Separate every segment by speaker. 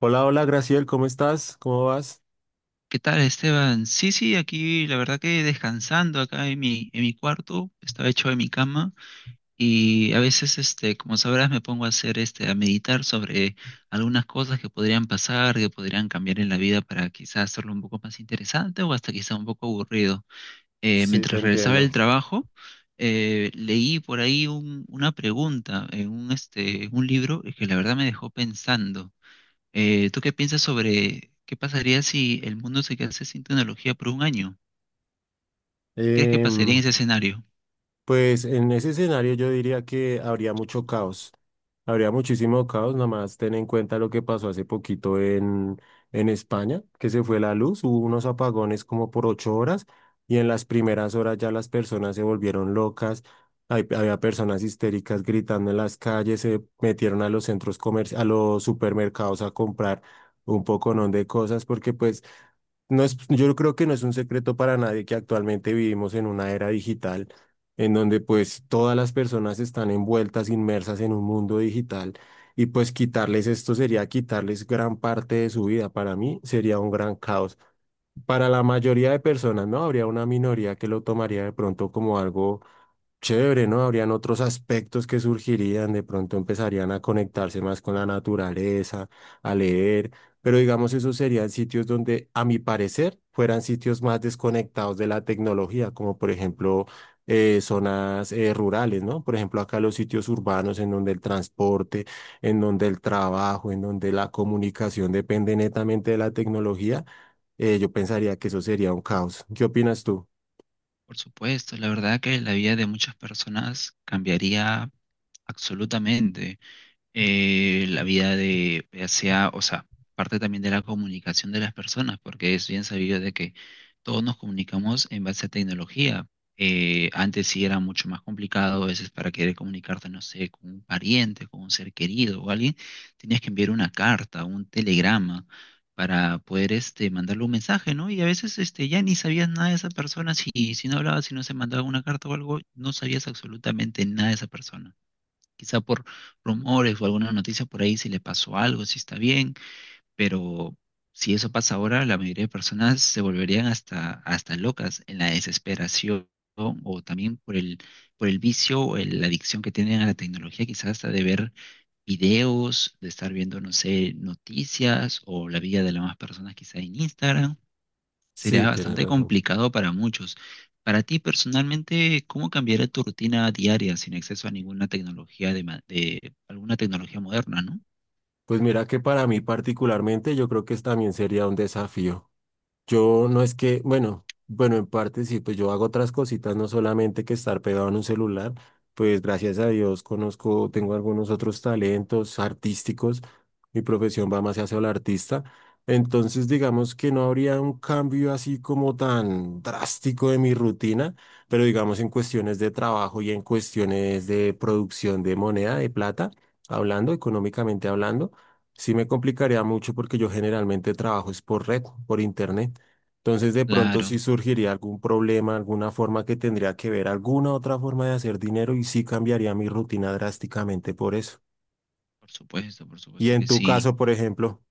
Speaker 1: Hola, hola, Graciel, ¿cómo estás? ¿Cómo vas?
Speaker 2: ¿Qué tal, Esteban? Sí, sí, aquí la verdad que descansando acá en mi cuarto, estaba hecho en mi cama y a veces, como sabrás, me pongo a hacer, a meditar sobre algunas cosas que podrían pasar, que podrían cambiar en la vida para quizás hacerlo un poco más interesante o hasta quizá un poco aburrido.
Speaker 1: Sí, te
Speaker 2: Mientras regresaba del
Speaker 1: entiendo.
Speaker 2: trabajo, leí por ahí una pregunta en un libro que la verdad me dejó pensando. ¿Tú qué piensas sobre qué pasaría si el mundo se quedase sin tecnología por un año? ¿Qué crees que pasaría en
Speaker 1: Em,
Speaker 2: ese escenario?
Speaker 1: pues en ese escenario yo diría que habría mucho caos. Habría muchísimo caos, nada más ten en cuenta lo que pasó hace poquito en España, que se fue la luz, hubo unos apagones como por 8 horas y en las primeras horas ya las personas se volvieron locas. Había personas histéricas gritando en las calles, se metieron a los centros comerciales, a los supermercados a comprar un poconón de cosas porque pues... No es, yo creo que no es un secreto para nadie que actualmente vivimos en una era digital en donde pues todas las personas están envueltas, inmersas en un mundo digital y pues quitarles esto sería quitarles gran parte de su vida. Para mí sería un gran caos. Para la mayoría de personas, ¿no? Habría una minoría que lo tomaría de pronto como algo chévere, ¿no? Habrían otros aspectos que surgirían, de pronto empezarían a conectarse más con la naturaleza, a leer, pero digamos esos serían sitios donde, a mi parecer, fueran sitios más desconectados de la tecnología, como por ejemplo zonas rurales, ¿no? Por ejemplo, acá los sitios urbanos en donde el transporte, en donde el trabajo, en donde la comunicación depende netamente de la tecnología, yo pensaría que eso sería un caos. ¿Qué opinas tú?
Speaker 2: Por supuesto, la verdad que la vida de muchas personas cambiaría absolutamente. La vida de, ya sea, o sea, parte también de la comunicación de las personas, porque es bien sabido de que todos nos comunicamos en base a tecnología. Antes sí era mucho más complicado, a veces para querer comunicarte, no sé, con un pariente, con un ser querido o alguien, tenías que enviar una carta, un telegrama para poder mandarle un mensaje, ¿no? Y a veces ya ni sabías nada de esa persona, si no hablabas, si no se mandaba una carta o algo, no sabías absolutamente nada de esa persona quizá por rumores o alguna noticia por ahí si le pasó algo, si está bien, pero si eso pasa ahora, la mayoría de personas se volverían hasta locas en la desesperación o también por el vicio o la adicción que tienen a la tecnología, quizás hasta de ver videos, de estar viendo, no sé, noticias o la vida de las demás personas quizá en Instagram.
Speaker 1: Sí,
Speaker 2: Sería
Speaker 1: tienes
Speaker 2: bastante
Speaker 1: razón.
Speaker 2: complicado para muchos. Para ti personalmente, ¿cómo cambiaría tu rutina diaria sin acceso a ninguna tecnología de, de alguna tecnología moderna, ¿no?
Speaker 1: Pues mira que para mí particularmente yo creo que es también sería un desafío. Yo no es que, bueno, bueno, en parte sí, pues yo hago otras cositas, no solamente que estar pegado en un celular, pues gracias a Dios conozco, tengo algunos otros talentos artísticos, mi profesión va más hacia el artista, entonces digamos que no habría un cambio así como tan drástico de mi rutina, pero digamos en cuestiones de trabajo y en cuestiones de producción de moneda, de plata, hablando, económicamente hablando. Sí me complicaría mucho porque yo generalmente trabajo es por red, por internet. Entonces, de pronto sí
Speaker 2: Claro,
Speaker 1: surgiría algún problema, alguna forma que tendría que ver, alguna otra forma de hacer dinero y sí cambiaría mi rutina drásticamente por eso.
Speaker 2: por
Speaker 1: Y
Speaker 2: supuesto
Speaker 1: en
Speaker 2: que
Speaker 1: tu
Speaker 2: sí.
Speaker 1: caso, por ejemplo,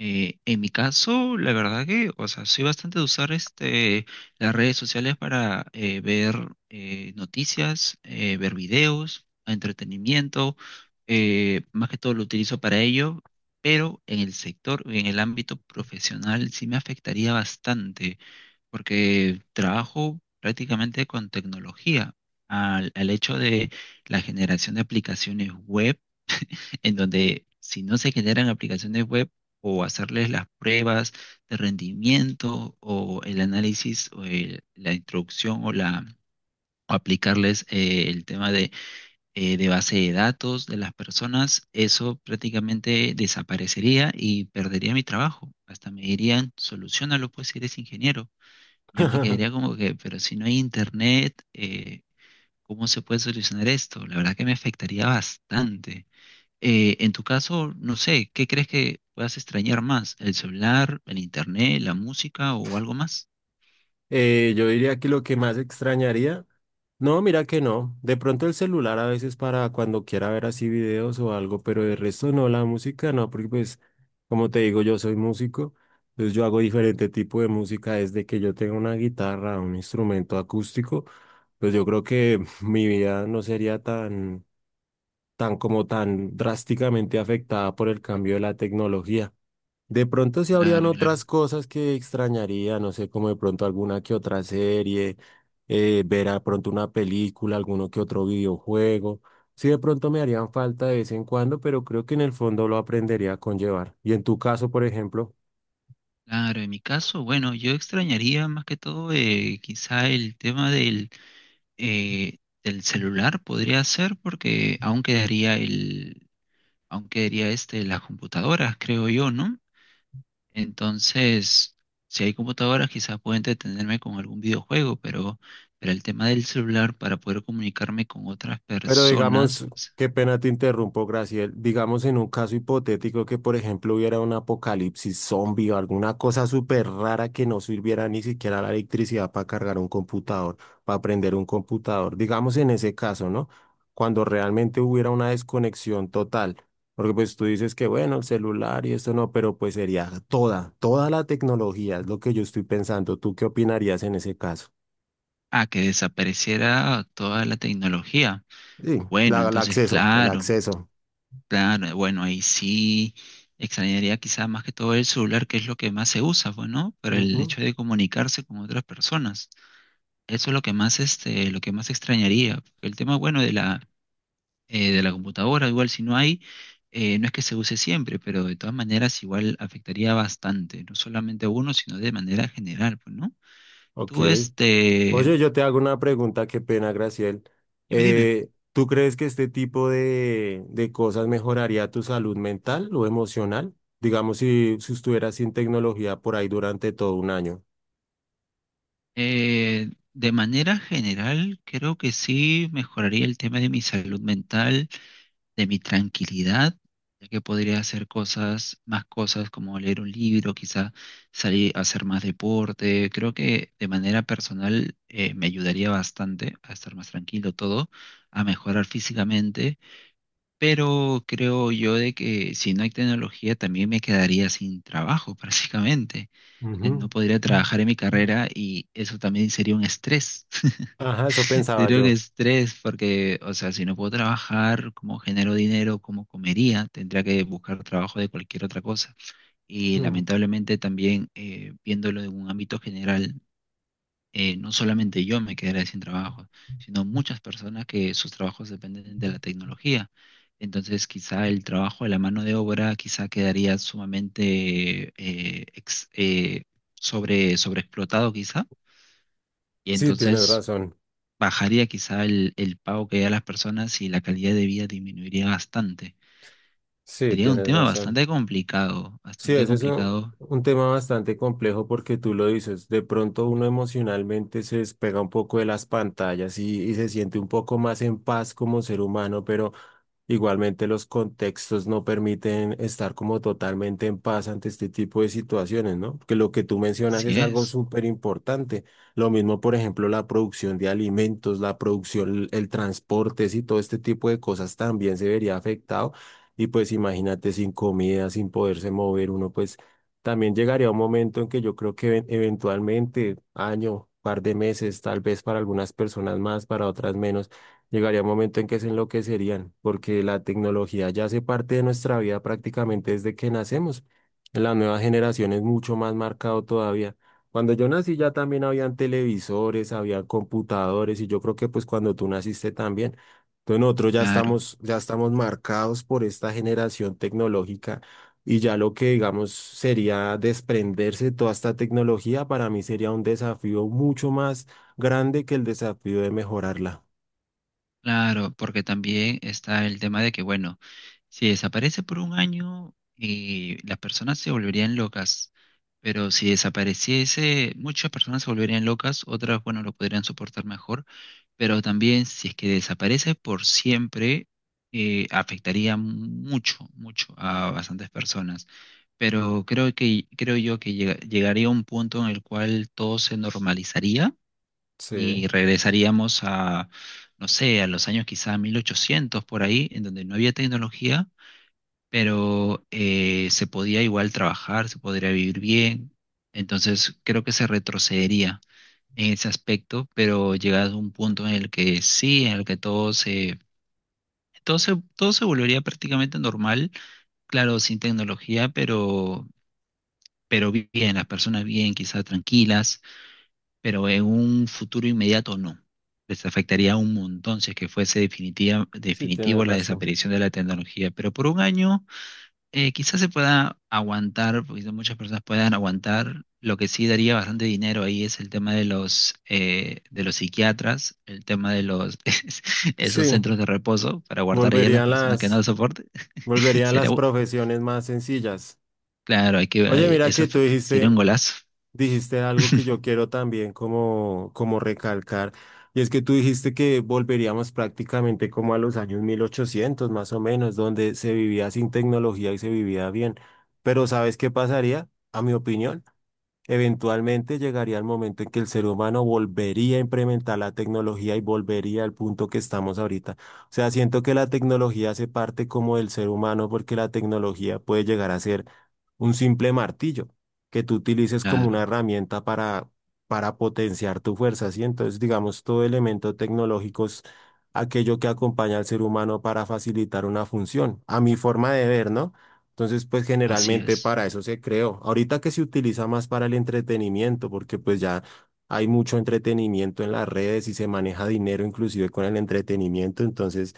Speaker 2: En mi caso, la verdad que, o sea, soy bastante de usar las redes sociales para ver noticias, ver videos, entretenimiento, más que todo lo utilizo para ello, pero en el sector, en el ámbito profesional sí me afectaría bastante, porque trabajo prácticamente con tecnología, al hecho de la generación de aplicaciones web en donde si no se generan aplicaciones web o hacerles las pruebas de rendimiento o el análisis o la introducción o la o aplicarles el tema de base de datos de las personas, eso prácticamente desaparecería y perdería mi trabajo. Hasta me dirían, solucionalo pues si eres ingeniero. Yo me quedaría como que, pero si no hay internet, ¿cómo se puede solucionar esto? La verdad que me afectaría bastante. En tu caso, no sé, ¿qué crees que puedas extrañar más? ¿El celular, el internet, la música o algo más?
Speaker 1: yo diría que lo que más extrañaría no, mira que no. De pronto el celular a veces para cuando quiera ver así videos o algo, pero de resto no, la música no, porque pues, como te digo, yo soy músico, entonces yo hago diferente tipo de música desde que yo tengo una guitarra, un instrumento acústico, pues yo creo que mi vida no sería tan, tan como tan drásticamente afectada por el cambio de la tecnología. De pronto sí habrían
Speaker 2: Claro,
Speaker 1: otras
Speaker 2: claro.
Speaker 1: cosas que extrañaría, no sé, como de pronto alguna que otra serie, ver a pronto una película, alguno que otro videojuego. Sí, de pronto me harían falta de vez en cuando, pero creo que en el fondo lo aprendería a conllevar. Y en tu caso, por ejemplo.
Speaker 2: Claro, en mi caso, bueno, yo extrañaría más que todo quizá el tema del, del celular, podría ser, porque aún quedaría las computadoras, creo yo, ¿no? Entonces, si hay computadoras, quizás pueda entretenerme con algún videojuego, pero el tema del celular para poder comunicarme con otras
Speaker 1: Pero
Speaker 2: personas,
Speaker 1: digamos,
Speaker 2: o sea,
Speaker 1: qué pena te interrumpo, Graciel. Digamos en un caso hipotético que, por ejemplo, hubiera un apocalipsis zombie o alguna cosa súper rara que no sirviera ni siquiera la electricidad para cargar un computador, para prender un computador. Digamos en ese caso, ¿no? Cuando realmente hubiera una desconexión total. Porque pues tú dices que, bueno, el celular y esto no, pero pues sería toda la tecnología, es lo que yo estoy pensando. ¿Tú qué opinarías en ese caso?
Speaker 2: ah, que desapareciera toda la tecnología.
Speaker 1: Sí,
Speaker 2: Bueno,
Speaker 1: el
Speaker 2: entonces,
Speaker 1: acceso, el
Speaker 2: claro,
Speaker 1: acceso.
Speaker 2: claro, bueno, ahí sí extrañaría quizás más que todo el celular, que es lo que más se usa, bueno, para el
Speaker 1: Ujú.
Speaker 2: hecho de comunicarse con otras personas. Eso es lo que más, lo que más extrañaría. El tema, bueno, de la computadora, igual si no hay, no es que se use siempre, pero de todas maneras igual afectaría bastante, no solamente a uno, sino de manera general, pues, ¿no?
Speaker 1: Ok.
Speaker 2: Tú,
Speaker 1: Oye, yo te hago una pregunta, qué pena, Graciel.
Speaker 2: dime,
Speaker 1: ¿Tú crees que este tipo de cosas mejoraría tu salud mental o emocional? Digamos, si, si estuvieras sin tecnología por ahí durante todo un año.
Speaker 2: de manera general creo que sí mejoraría el tema de mi salud mental de mi tranquilidad, ya que podría hacer cosas, más cosas como leer un libro, quizá salir a hacer más deporte. Creo que de manera personal me ayudaría bastante a estar más tranquilo todo, a mejorar físicamente, pero creo yo de que si no hay tecnología también me quedaría sin trabajo prácticamente. No
Speaker 1: Ujú.
Speaker 2: podría trabajar en mi carrera y eso también sería un estrés.
Speaker 1: Ajá, eso
Speaker 2: Yo
Speaker 1: pensaba
Speaker 2: creo que
Speaker 1: yo.
Speaker 2: estrés porque, o sea, si no puedo trabajar, ¿cómo genero dinero? ¿Cómo comería? Tendría que buscar trabajo de cualquier otra cosa. Y
Speaker 1: Mm.
Speaker 2: lamentablemente también, viéndolo en un ámbito general, no solamente yo me quedaré sin trabajo, sino muchas personas que sus trabajos dependen de la tecnología. Entonces, quizá el trabajo de la mano de obra quizá quedaría sumamente sobreexplotado, quizá. Y
Speaker 1: Sí, tienes
Speaker 2: entonces
Speaker 1: razón.
Speaker 2: bajaría quizá el pago que da a las personas y la calidad de vida disminuiría bastante.
Speaker 1: Sí,
Speaker 2: Sería un
Speaker 1: tienes
Speaker 2: tema
Speaker 1: razón.
Speaker 2: bastante complicado,
Speaker 1: Sí,
Speaker 2: bastante
Speaker 1: ese es un,
Speaker 2: complicado.
Speaker 1: un tema bastante complejo porque tú lo dices, de pronto uno emocionalmente se despega un poco de las pantallas y se siente un poco más en paz como ser humano, pero... Igualmente los contextos no permiten estar como totalmente en paz ante este tipo de situaciones, ¿no? Porque lo que tú mencionas es
Speaker 2: Así
Speaker 1: algo
Speaker 2: es,
Speaker 1: súper importante. Lo mismo, por ejemplo, la producción de alimentos, la producción, el transporte, y todo este tipo de cosas también se vería afectado. Y pues imagínate sin comida, sin poderse mover uno, pues también llegaría un momento en que yo creo que eventualmente, año, par de meses, tal vez para algunas personas más, para otras menos llegaría un momento en que se enloquecerían, porque la tecnología ya hace parte de nuestra vida prácticamente desde que nacemos. En la nueva generación es mucho más marcado todavía. Cuando yo nací ya también habían televisores, había computadores y yo creo que pues cuando tú naciste también. Entonces nosotros ya
Speaker 2: claro,
Speaker 1: estamos, ya estamos marcados por esta generación tecnológica y ya lo que digamos sería desprenderse de toda esta tecnología para mí sería un desafío mucho más grande que el desafío de mejorarla.
Speaker 2: claro, porque también está el tema de que, bueno, si desaparece por un año, las personas se volverían locas, pero si desapareciese, muchas personas se volverían locas, otras, bueno, lo podrían soportar mejor, pero también si es que desaparece por siempre, afectaría mucho, mucho a bastantes personas. Pero creo que, creo yo que llegaría un punto en el cual todo se normalizaría
Speaker 1: Sí.
Speaker 2: y regresaríamos a, no sé, a los años quizá 1800 por ahí, en donde no había tecnología pero se podía igual trabajar, se podría vivir bien. Entonces creo que se retrocedería en ese aspecto, pero llegado a un punto en el que sí, en el que todo se volvería prácticamente normal, claro, sin tecnología, pero bien, las personas bien, quizás tranquilas, pero en un futuro inmediato no. Les afectaría un montón si es que fuese definitiva,
Speaker 1: Sí, tienes
Speaker 2: definitivo la
Speaker 1: razón.
Speaker 2: desaparición de la tecnología, pero por un año quizás se pueda aguantar, porque son muchas personas puedan aguantar. Lo que sí daría bastante dinero ahí es el tema de los psiquiatras, el tema de los esos
Speaker 1: Sí,
Speaker 2: centros de reposo para guardar ahí a las
Speaker 1: volverían
Speaker 2: personas que no lo
Speaker 1: las,
Speaker 2: soporten.
Speaker 1: volverían
Speaker 2: Sería,
Speaker 1: las
Speaker 2: u-
Speaker 1: profesiones más sencillas.
Speaker 2: claro, hay que,
Speaker 1: Oye, mira que tú
Speaker 2: sería un
Speaker 1: dijiste,
Speaker 2: golazo.
Speaker 1: dijiste algo que yo quiero también como, como recalcar, y es que tú dijiste que volveríamos prácticamente como a los años 1800 más o menos, donde se vivía sin tecnología y se vivía bien. Pero ¿sabes qué pasaría? A mi opinión. Eventualmente llegaría el momento en que el ser humano volvería a implementar la tecnología y volvería al punto que estamos ahorita. O sea, siento que la tecnología hace parte como del ser humano porque la tecnología puede llegar a ser un simple martillo que tú utilices como una
Speaker 2: Claro,
Speaker 1: herramienta para potenciar tu fuerza, ¿sí? Entonces, digamos, todo elemento tecnológico es aquello que acompaña al ser humano para facilitar una función, a mi forma de ver, ¿no? Entonces, pues
Speaker 2: así
Speaker 1: generalmente
Speaker 2: es.
Speaker 1: para eso se creó. Ahorita que se utiliza más para el entretenimiento, porque pues ya hay mucho entretenimiento en las redes y se maneja dinero inclusive con el entretenimiento, entonces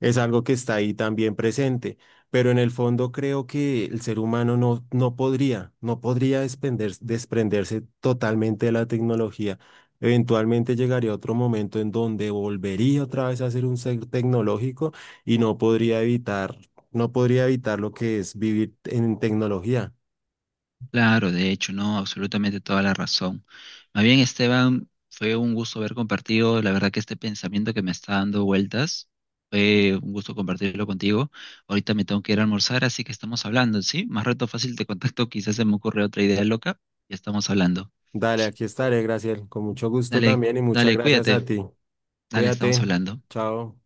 Speaker 1: es algo que está ahí también presente. Pero en el fondo creo que el ser humano no, no podría desprenderse totalmente de la tecnología. Eventualmente llegaría otro momento en donde volvería otra vez a ser un ser tecnológico y no podría evitar lo que es vivir en tecnología.
Speaker 2: Claro, de hecho, no, absolutamente toda la razón. Más bien, Esteban, fue un gusto haber compartido, la verdad que este pensamiento que me está dando vueltas, fue un gusto compartirlo contigo. Ahorita me tengo que ir a almorzar, así que estamos hablando, ¿sí? Más rato fácil te contacto, quizás se me ocurre otra idea loca, ya estamos hablando.
Speaker 1: Dale, aquí estaré, Graciel. Con mucho gusto
Speaker 2: Dale,
Speaker 1: también y muchas
Speaker 2: dale,
Speaker 1: gracias a
Speaker 2: cuídate,
Speaker 1: ti.
Speaker 2: dale, estamos
Speaker 1: Cuídate.
Speaker 2: hablando.
Speaker 1: Chao.